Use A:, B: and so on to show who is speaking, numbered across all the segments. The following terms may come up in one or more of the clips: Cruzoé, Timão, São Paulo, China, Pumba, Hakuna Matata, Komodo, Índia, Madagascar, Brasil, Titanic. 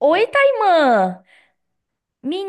A: Oi, Taimã!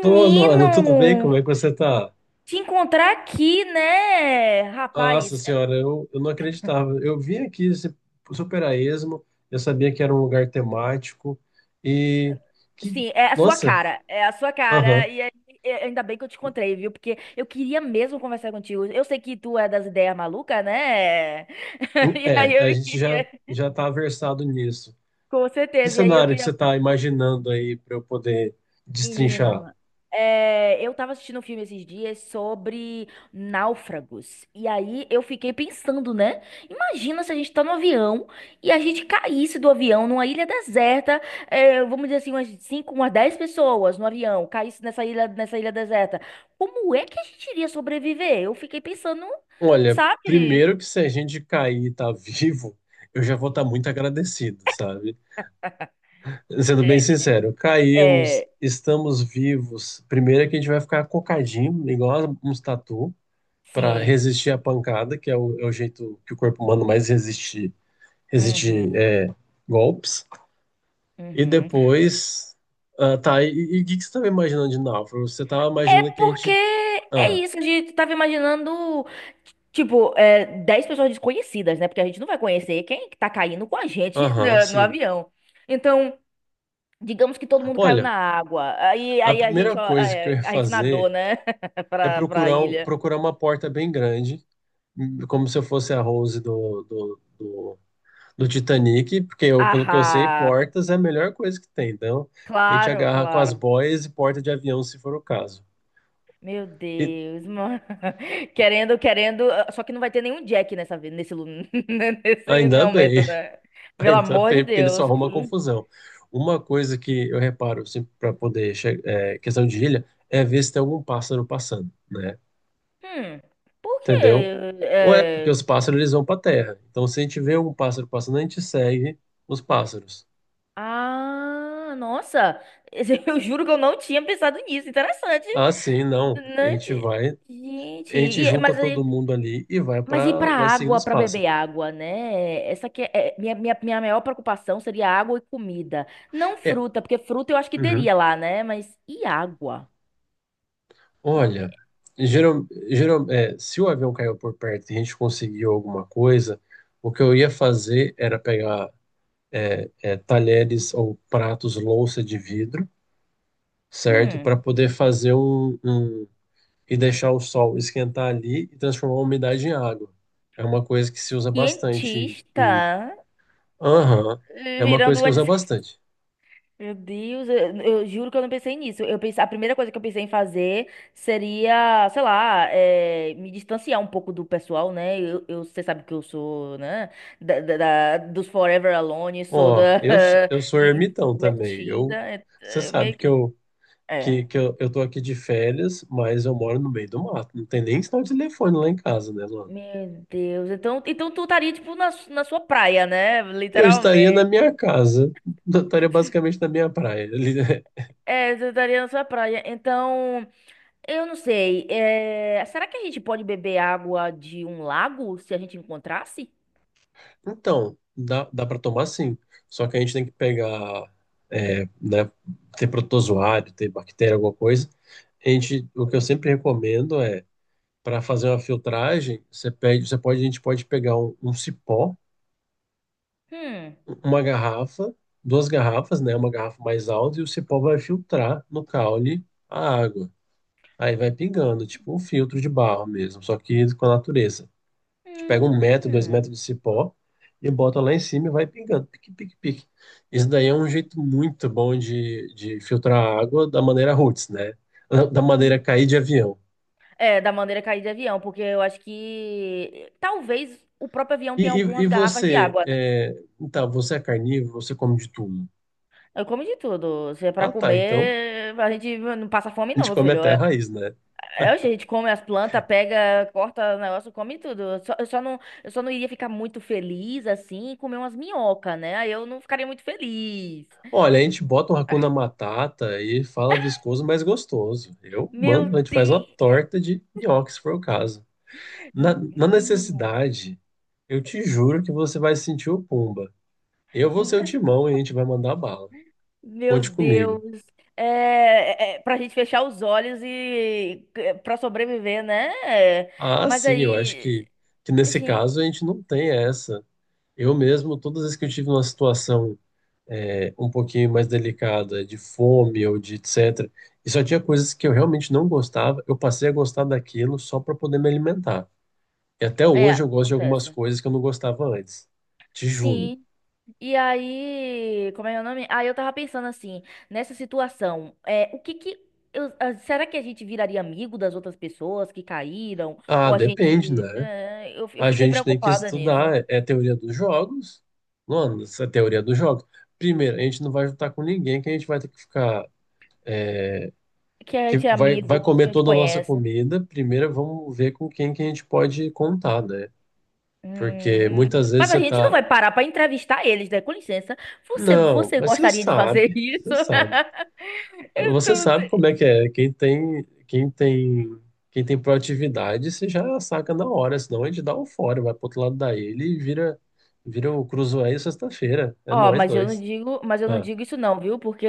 B: Tô, Luana, tudo bem? Como é que você tá?
A: Te encontrar aqui, né?
B: Nossa
A: Rapaz,
B: senhora, eu não acreditava. Eu vim aqui esse super a esmo, eu sabia que era um lugar temático e que,
A: sim, é a sua
B: nossa,
A: cara. É a sua cara.
B: aham.
A: E aí, ainda bem que eu te encontrei, viu? Porque eu queria mesmo conversar contigo. Eu sei que tu é das ideias malucas, né? E
B: É,
A: aí
B: a
A: eu
B: gente já
A: queria,
B: já tá versado nisso.
A: com
B: Que
A: certeza. E aí eu
B: cenário que
A: queria
B: você tá imaginando aí para eu poder destrinchar?
A: menino, é, eu tava assistindo um filme esses dias sobre náufragos. E aí eu fiquei pensando, né? Imagina se a gente tá no avião e a gente caísse do avião numa ilha deserta, é, vamos dizer assim, umas 5, umas 10 pessoas no avião, caísse nessa ilha deserta. Como é que a gente iria sobreviver? Eu fiquei pensando,
B: Olha,
A: sabe?
B: primeiro que se a gente cair e tá vivo, eu já vou estar muito agradecido, sabe? Sendo bem
A: É,
B: sincero, caímos,
A: é,
B: estamos vivos. Primeiro é que a gente vai ficar cocadinho, igual uns tatu, para
A: sim.
B: resistir à pancada, que é o jeito que o corpo humano mais resiste, resiste
A: Uhum,
B: é, golpes. E
A: uhum.
B: depois, ah, tá, e o que, que você estava imaginando de náufrago? Você estava
A: É
B: imaginando que a
A: porque
B: gente...
A: é
B: Ah,
A: isso, a gente tava imaginando tipo, é, 10 pessoas desconhecidas, né? Porque a gente não vai conhecer quem que tá caindo com a gente
B: aham,
A: no
B: sim.
A: avião. Então, digamos que todo mundo caiu na
B: Olha,
A: água. Aí,
B: a
A: aí a gente,
B: primeira
A: ó,
B: coisa que eu
A: é,
B: ia
A: a gente nadou,
B: fazer
A: né?
B: é
A: Pra
B: procurar, um-
A: ilha.
B: procurar uma porta bem grande, como se eu fosse a Rose do Titanic, porque eu, pelo que eu sei,
A: Ah,
B: portas é a melhor coisa que tem. Então, a gente
A: claro,
B: agarra com as
A: claro.
B: boias e porta de avião, se for o caso.
A: Meu
B: E
A: Deus, mano. Querendo, querendo. Só que não vai ter nenhum Jack nessa, nesse, nesse
B: ainda bem,
A: momento, né? Pelo
B: ainda
A: amor de
B: bem, porque ele só
A: Deus.
B: arruma confusão. Uma coisa que eu reparo, sempre para poder questão de ilha, é ver se tem algum pássaro passando, né?
A: Hum, por quê?
B: Entendeu? Ou é porque
A: É,
B: os pássaros eles vão para terra. Então, se a gente vê algum pássaro passando, a gente segue os pássaros.
A: ah, nossa! Eu juro que eu não tinha pensado nisso. Interessante.
B: Ah, sim, não.
A: Interessante.
B: A
A: Gente,
B: gente
A: é,
B: junta
A: mas,
B: todo mundo ali e vai
A: mas ir pra
B: seguindo
A: água,
B: os
A: pra beber
B: pássaros.
A: água, né? Essa que é minha maior preocupação seria água e comida. Não
B: É,
A: fruta, porque fruta eu acho que
B: uhum.
A: teria lá, né? Mas e água?
B: Olha,
A: Hum,
B: geral, geral, se o avião caiu por perto e a gente conseguiu alguma coisa, o que eu ia fazer era pegar talheres ou pratos, louça de vidro, certo?
A: hum.
B: Para poder fazer um, e deixar o sol esquentar ali e transformar a umidade em água. É uma coisa que se usa bastante.
A: Cientista
B: Aham, é uma
A: virando
B: coisa que
A: uma de
B: usa bastante.
A: meu Deus, eu juro que eu não pensei nisso. Eu pensei, a primeira coisa que eu pensei em fazer seria, sei lá, me distanciar um pouco do pessoal, né? Você sabe que eu sou, né? Dos Forever Alone, sou
B: Ó,
A: da
B: eu sou ermitão também.
A: introvertida.
B: Eu, você
A: É
B: sabe
A: meio
B: que
A: que.
B: eu. que,
A: É.
B: que eu tô aqui de férias, mas eu moro no meio do mato. Não tem nem sinal de telefone lá em casa, né, Luana?
A: Meu Deus, então, então tu estaria, tipo, na sua praia, né?
B: Eu estaria na
A: Literalmente.
B: minha casa, eu estaria basicamente na minha praia ali, né?
A: É, tu estaria na sua praia. Então. Eu não sei. É, será que a gente pode beber água de um lago se a gente encontrasse?
B: Então, dá para tomar sim. Só que a gente tem que pegar, é, né, ter protozoário, ter bactéria, alguma coisa. O que eu sempre recomendo para fazer uma filtragem, você pede, você pode, a gente pode pegar um cipó
A: Hum.
B: uma garrafa, duas garrafas, né? Uma garrafa mais alta e o cipó vai filtrar no caule a água. Aí vai pingando, tipo um filtro de barro mesmo, só que com a natureza. A gente pega 1 metro, dois
A: Hum.
B: metros de cipó e bota lá em cima e vai pingando, pique, pique, pique. Isso daí é um jeito muito bom de filtrar a água da maneira roots, né? Da maneira
A: Hum.
B: cair de avião.
A: É, da maneira é cair de avião, porque eu acho que talvez o próprio avião
B: E,
A: tenha
B: e, e
A: algumas garrafas de
B: você,
A: água, né?
B: é, então, você é carnívoro, você come de tudo.
A: Eu como de tudo. Se é pra
B: Ah, tá, então
A: comer, a gente não passa fome,
B: a
A: não,
B: gente
A: meu
B: come
A: filho.
B: até a
A: É,
B: raiz, né?
A: é, a gente come as plantas, pega, corta o negócio, come tudo. Eu só não iria ficar muito feliz assim e comer umas minhocas, né? Aí eu não ficaria muito feliz.
B: Olha, a gente bota um Hakuna Matata e fala viscoso, mas gostoso. Eu mando, a
A: Meu
B: gente faz uma
A: Deus!
B: torta de nhoque, se for o caso. Na
A: Nossa.
B: necessidade, eu te juro que você vai sentir o Pumba. Eu vou ser o Timão e a gente vai mandar bala.
A: Meu
B: Conte comigo.
A: Deus! É, é, pra gente fechar os olhos e é, pra sobreviver, né? É,
B: Ah,
A: mas
B: sim, eu acho
A: aí,
B: que nesse
A: gente,
B: caso a gente não tem essa. Eu mesmo, todas as vezes que eu tive uma situação, um pouquinho mais delicada, de fome ou de etc. E só tinha coisas que eu realmente não gostava, eu passei a gostar daquilo só para poder me alimentar. E até
A: é,
B: hoje eu gosto de algumas
A: acontece.
B: coisas que eu não gostava antes, te juro.
A: Sim. E aí, como é o nome? Aí eu tava pensando assim, nessa situação, é, o que que ah, será que a gente viraria amigo das outras pessoas que caíram?
B: Ah,
A: Ou a
B: depende,
A: gente,
B: né?
A: né, eu
B: A
A: fiquei
B: gente tem que
A: preocupada nisso.
B: estudar, é a teoria dos jogos. Mano, essa é a teoria dos jogos. Primeiro, a gente não vai juntar com ninguém que a gente vai ter que ficar.
A: Que a
B: Que
A: gente é
B: vai
A: amigo, que
B: comer
A: a gente
B: toda a nossa
A: conhece.
B: comida. Primeiro, vamos ver com quem que a gente pode contar, né? Porque muitas vezes
A: Mas a
B: você
A: gente não
B: tá.
A: vai parar para entrevistar eles, né? Com licença.
B: Não,
A: Você
B: mas você
A: gostaria de fazer
B: sabe, você
A: isso?
B: sabe.
A: Eu
B: Você
A: tô...
B: sabe como é que é. Quem tem proatividade, você já saca na hora, senão a gente dá um fora, vai pro outro lado da ilha e vira o Cruzoé sexta-feira. É
A: Ó,
B: nós
A: mas eu não
B: dois.
A: digo, mas eu não
B: Ah,
A: digo isso não, viu? Porque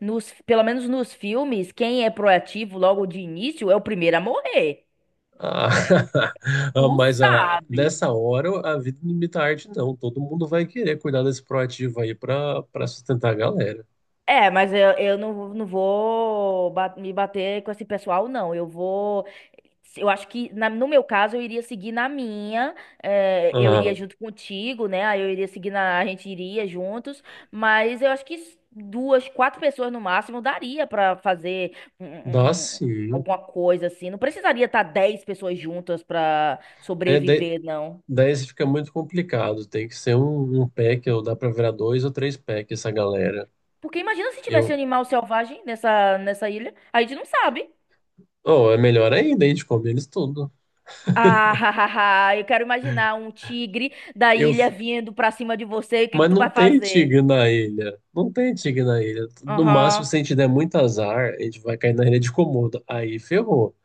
A: nos, pelo menos nos filmes, quem é proativo logo de início é o primeiro a morrer.
B: ah,
A: É, tu
B: mas a
A: sabe.
B: nessa hora a vida não imita a arte, não. Todo mundo vai querer cuidar desse proativo aí para sustentar a galera.
A: É, mas eu, não vou me bater com esse pessoal, não. Eu vou eu acho que, no meu caso, eu iria seguir na minha, eu iria
B: Ah,
A: junto contigo, né? Aí eu iria seguir na, a gente iria juntos, mas eu acho que duas, quatro pessoas no máximo daria pra fazer um-
B: dá
A: um- um-
B: sim.
A: alguma coisa assim. Não precisaria estar dez pessoas juntas pra
B: É,
A: sobreviver, não.
B: daí isso fica muito complicado. Tem que ser um pack, ou dá pra virar dois ou três packs essa galera.
A: Porque imagina se tivesse
B: Eu,
A: animal selvagem nessa, nessa ilha, a gente não sabe.
B: oh, é melhor ainda, a gente come eles tudo.
A: Ah, eu quero imaginar um tigre da
B: Eu,
A: ilha
B: f-
A: vindo pra cima de você, o que que
B: mas
A: tu
B: não
A: vai
B: tem
A: fazer?
B: tigre na ilha. Não tem tigre na ilha. No máximo,
A: Aham.
B: se a gente der muito azar, a gente vai cair na ilha de Komodo. Aí ferrou.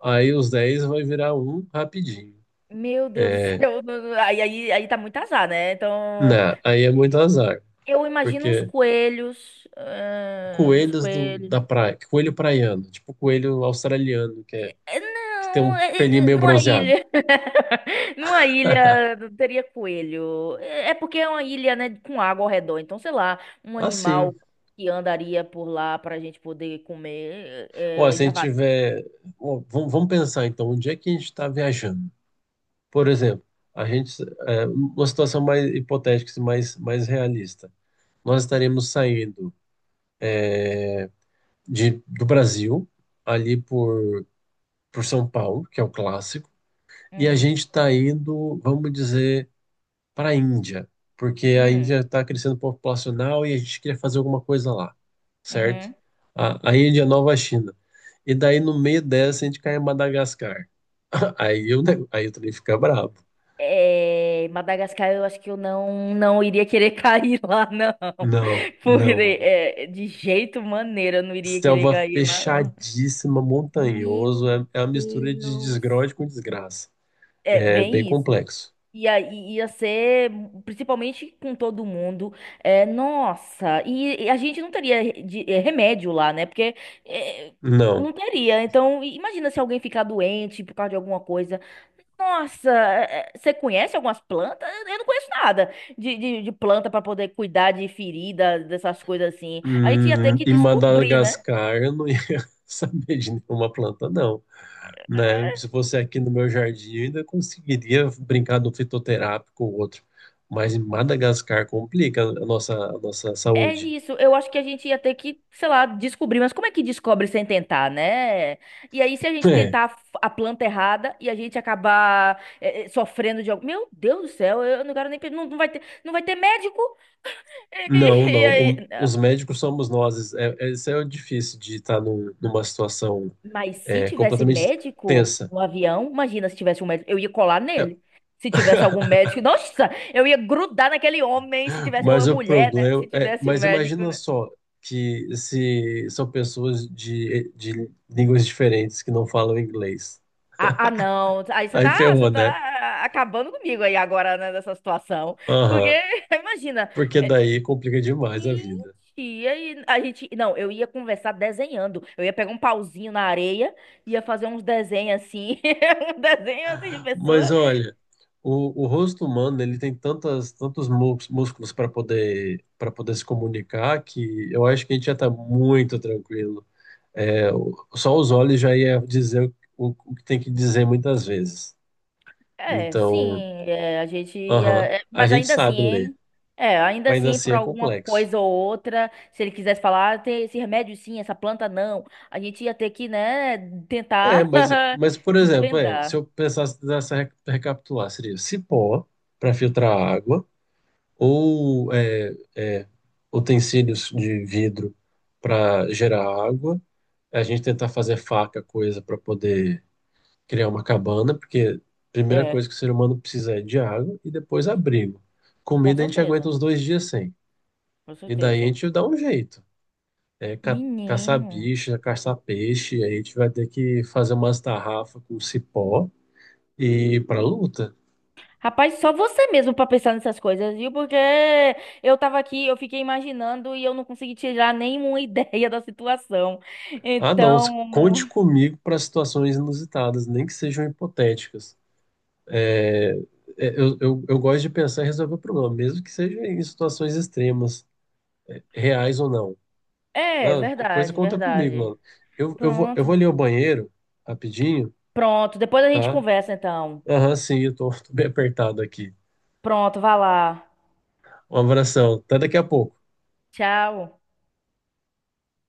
B: Aí os 10 vai virar um rapidinho.
A: Meu Deus do
B: É,
A: céu, aí tá muito azar, né? Então,
B: não, aí é muito azar.
A: eu imagino uns
B: Porque
A: coelhos, ah, uns
B: coelhos do,
A: coelhos.
B: da praia, coelho praiano, tipo coelho australiano, que, é,
A: É,
B: que tem
A: não,
B: um pelinho
A: é,
B: meio
A: numa
B: bronzeado.
A: ilha, numa ilha não teria coelho. É é porque é uma ilha, né, com água ao redor. Então, sei lá, um animal
B: Assim,
A: que andaria por lá pra gente poder comer,
B: ó,
A: é,
B: se a gente
A: javali.
B: tiver. Ó, vamos pensar então, onde é que a gente está viajando? Por exemplo, a gente. Uma situação mais hipotética, assim, mais realista. Nós estaremos saindo do Brasil, ali por São Paulo, que é o clássico, e a
A: Hum,
B: gente está indo, vamos dizer. Para a Índia, porque a
A: hum,
B: Índia está crescendo populacional e a gente queria fazer alguma coisa lá, certo?
A: uhum.
B: A Índia é a nova China. E daí, no meio dessa, a gente cai em Madagascar. Aí eu, aí eu também fica bravo.
A: É, Madagascar, eu acho que eu não, não iria querer cair lá, não.
B: Não,
A: Porque
B: não, mano.
A: é, de jeito maneira eu não iria querer
B: Selva
A: cair lá, não.
B: fechadíssima, montanhoso,
A: Meu
B: é uma mistura de
A: Deus.
B: desgrode com desgraça.
A: É
B: É bem
A: bem isso.
B: complexo.
A: E aí ia ser, principalmente com todo mundo, é, nossa, e a gente não teria remédio lá, né? Porque eh,
B: Não.
A: não teria. Então, imagina se alguém ficar doente por causa de alguma coisa. Nossa, você conhece algumas plantas? Eu não conheço nada de planta para poder cuidar de ferida, dessas coisas assim. A gente ia ter
B: Hum,
A: que
B: em
A: descobrir, né?
B: Madagascar eu não ia saber de nenhuma planta, não. Né? Se
A: É
B: fosse aqui no meu jardim, eu ainda conseguiria brincar do fitoterápico ou outro. Mas em Madagascar complica a nossa
A: é
B: saúde.
A: isso, eu acho que a gente ia ter que, sei lá, descobrir, mas como é que descobre sem tentar, né? E aí, se a gente
B: É,
A: tentar a a planta errada e a gente acabar sofrendo de algo. Meu Deus do céu, eu não quero nem. Não, não vai ter, não vai ter médico?
B: não,
A: E,
B: não.
A: aí.
B: Os médicos somos nós. É, isso é o difícil de estar numa situação
A: Mas se
B: é,
A: tivesse
B: completamente
A: médico
B: tensa.
A: no avião, imagina se tivesse um médico, eu ia colar
B: É,
A: nele. Se tivesse algum médico, nossa, eu ia grudar naquele homem, se tivesse, ou é
B: Mas o
A: mulher, né?
B: problema
A: Se
B: é,
A: tivesse um
B: mas
A: médico,
B: imagina
A: né?
B: só que se são pessoas de línguas diferentes que não falam inglês.
A: Ah, ah, não. Aí
B: Aí
A: você
B: ferrou,
A: tá
B: né?
A: acabando comigo aí agora, né, nessa situação. Porque,
B: Aham.
A: imagina,
B: Porque daí complica demais a
A: gente,
B: vida.
A: e aí a gente. Não, eu ia conversar desenhando. Eu ia pegar um pauzinho na areia, ia fazer uns desenhos assim, um desenho assim de
B: Mas
A: pessoa.
B: olha, o rosto humano ele tem tantas, tantos músculos para poder se comunicar que eu acho que a gente já está muito tranquilo. É, só os olhos já ia dizer o que tem que dizer muitas vezes.
A: É, sim,
B: Então,
A: é, a gente ia.
B: aham,
A: É,
B: a
A: mas
B: gente
A: ainda assim,
B: sabe ler,
A: hein? É, ainda
B: mas ainda
A: assim,
B: assim
A: por
B: é
A: alguma
B: complexo.
A: coisa ou outra, se ele quisesse falar, "Ah, tem esse remédio sim, essa planta não, a gente ia ter que, né,
B: É,
A: tentar
B: mas, mas por exemplo, se
A: desvendar.
B: eu pensasse nessa recapitular, seria cipó para filtrar água ou utensílios de vidro para gerar água, a gente tentar fazer faca, coisa para poder criar uma cabana, porque a primeira
A: É,
B: coisa que o ser humano precisa é de água e depois abrigo.
A: com
B: Comida a gente aguenta
A: certeza,
B: uns dois dias sem,
A: com
B: e daí a
A: certeza.
B: gente dá um jeito. É, caçar
A: Menino.
B: bicha, caçar peixe, aí a gente vai ter que fazer umas tarrafas com cipó e ir pra luta.
A: Rapaz, só você mesmo pra pensar nessas coisas, viu? Porque eu tava aqui, eu fiquei imaginando e eu não consegui tirar nenhuma ideia da situação.
B: Ah, não,
A: Então,
B: conte comigo para situações inusitadas, nem que sejam hipotéticas. É, eu gosto de pensar em resolver o problema, mesmo que seja em situações extremas, reais ou não.
A: é
B: Ah, co- coisa
A: verdade,
B: conta comigo,
A: verdade.
B: mano. Eu vou
A: Pronto.
B: ali ao banheiro, rapidinho,
A: Pronto. Depois a gente
B: tá?
A: conversa, então.
B: Aham, sim, tô bem apertado aqui.
A: Pronto, vá lá.
B: Um abração, até daqui a pouco.
A: Tchau.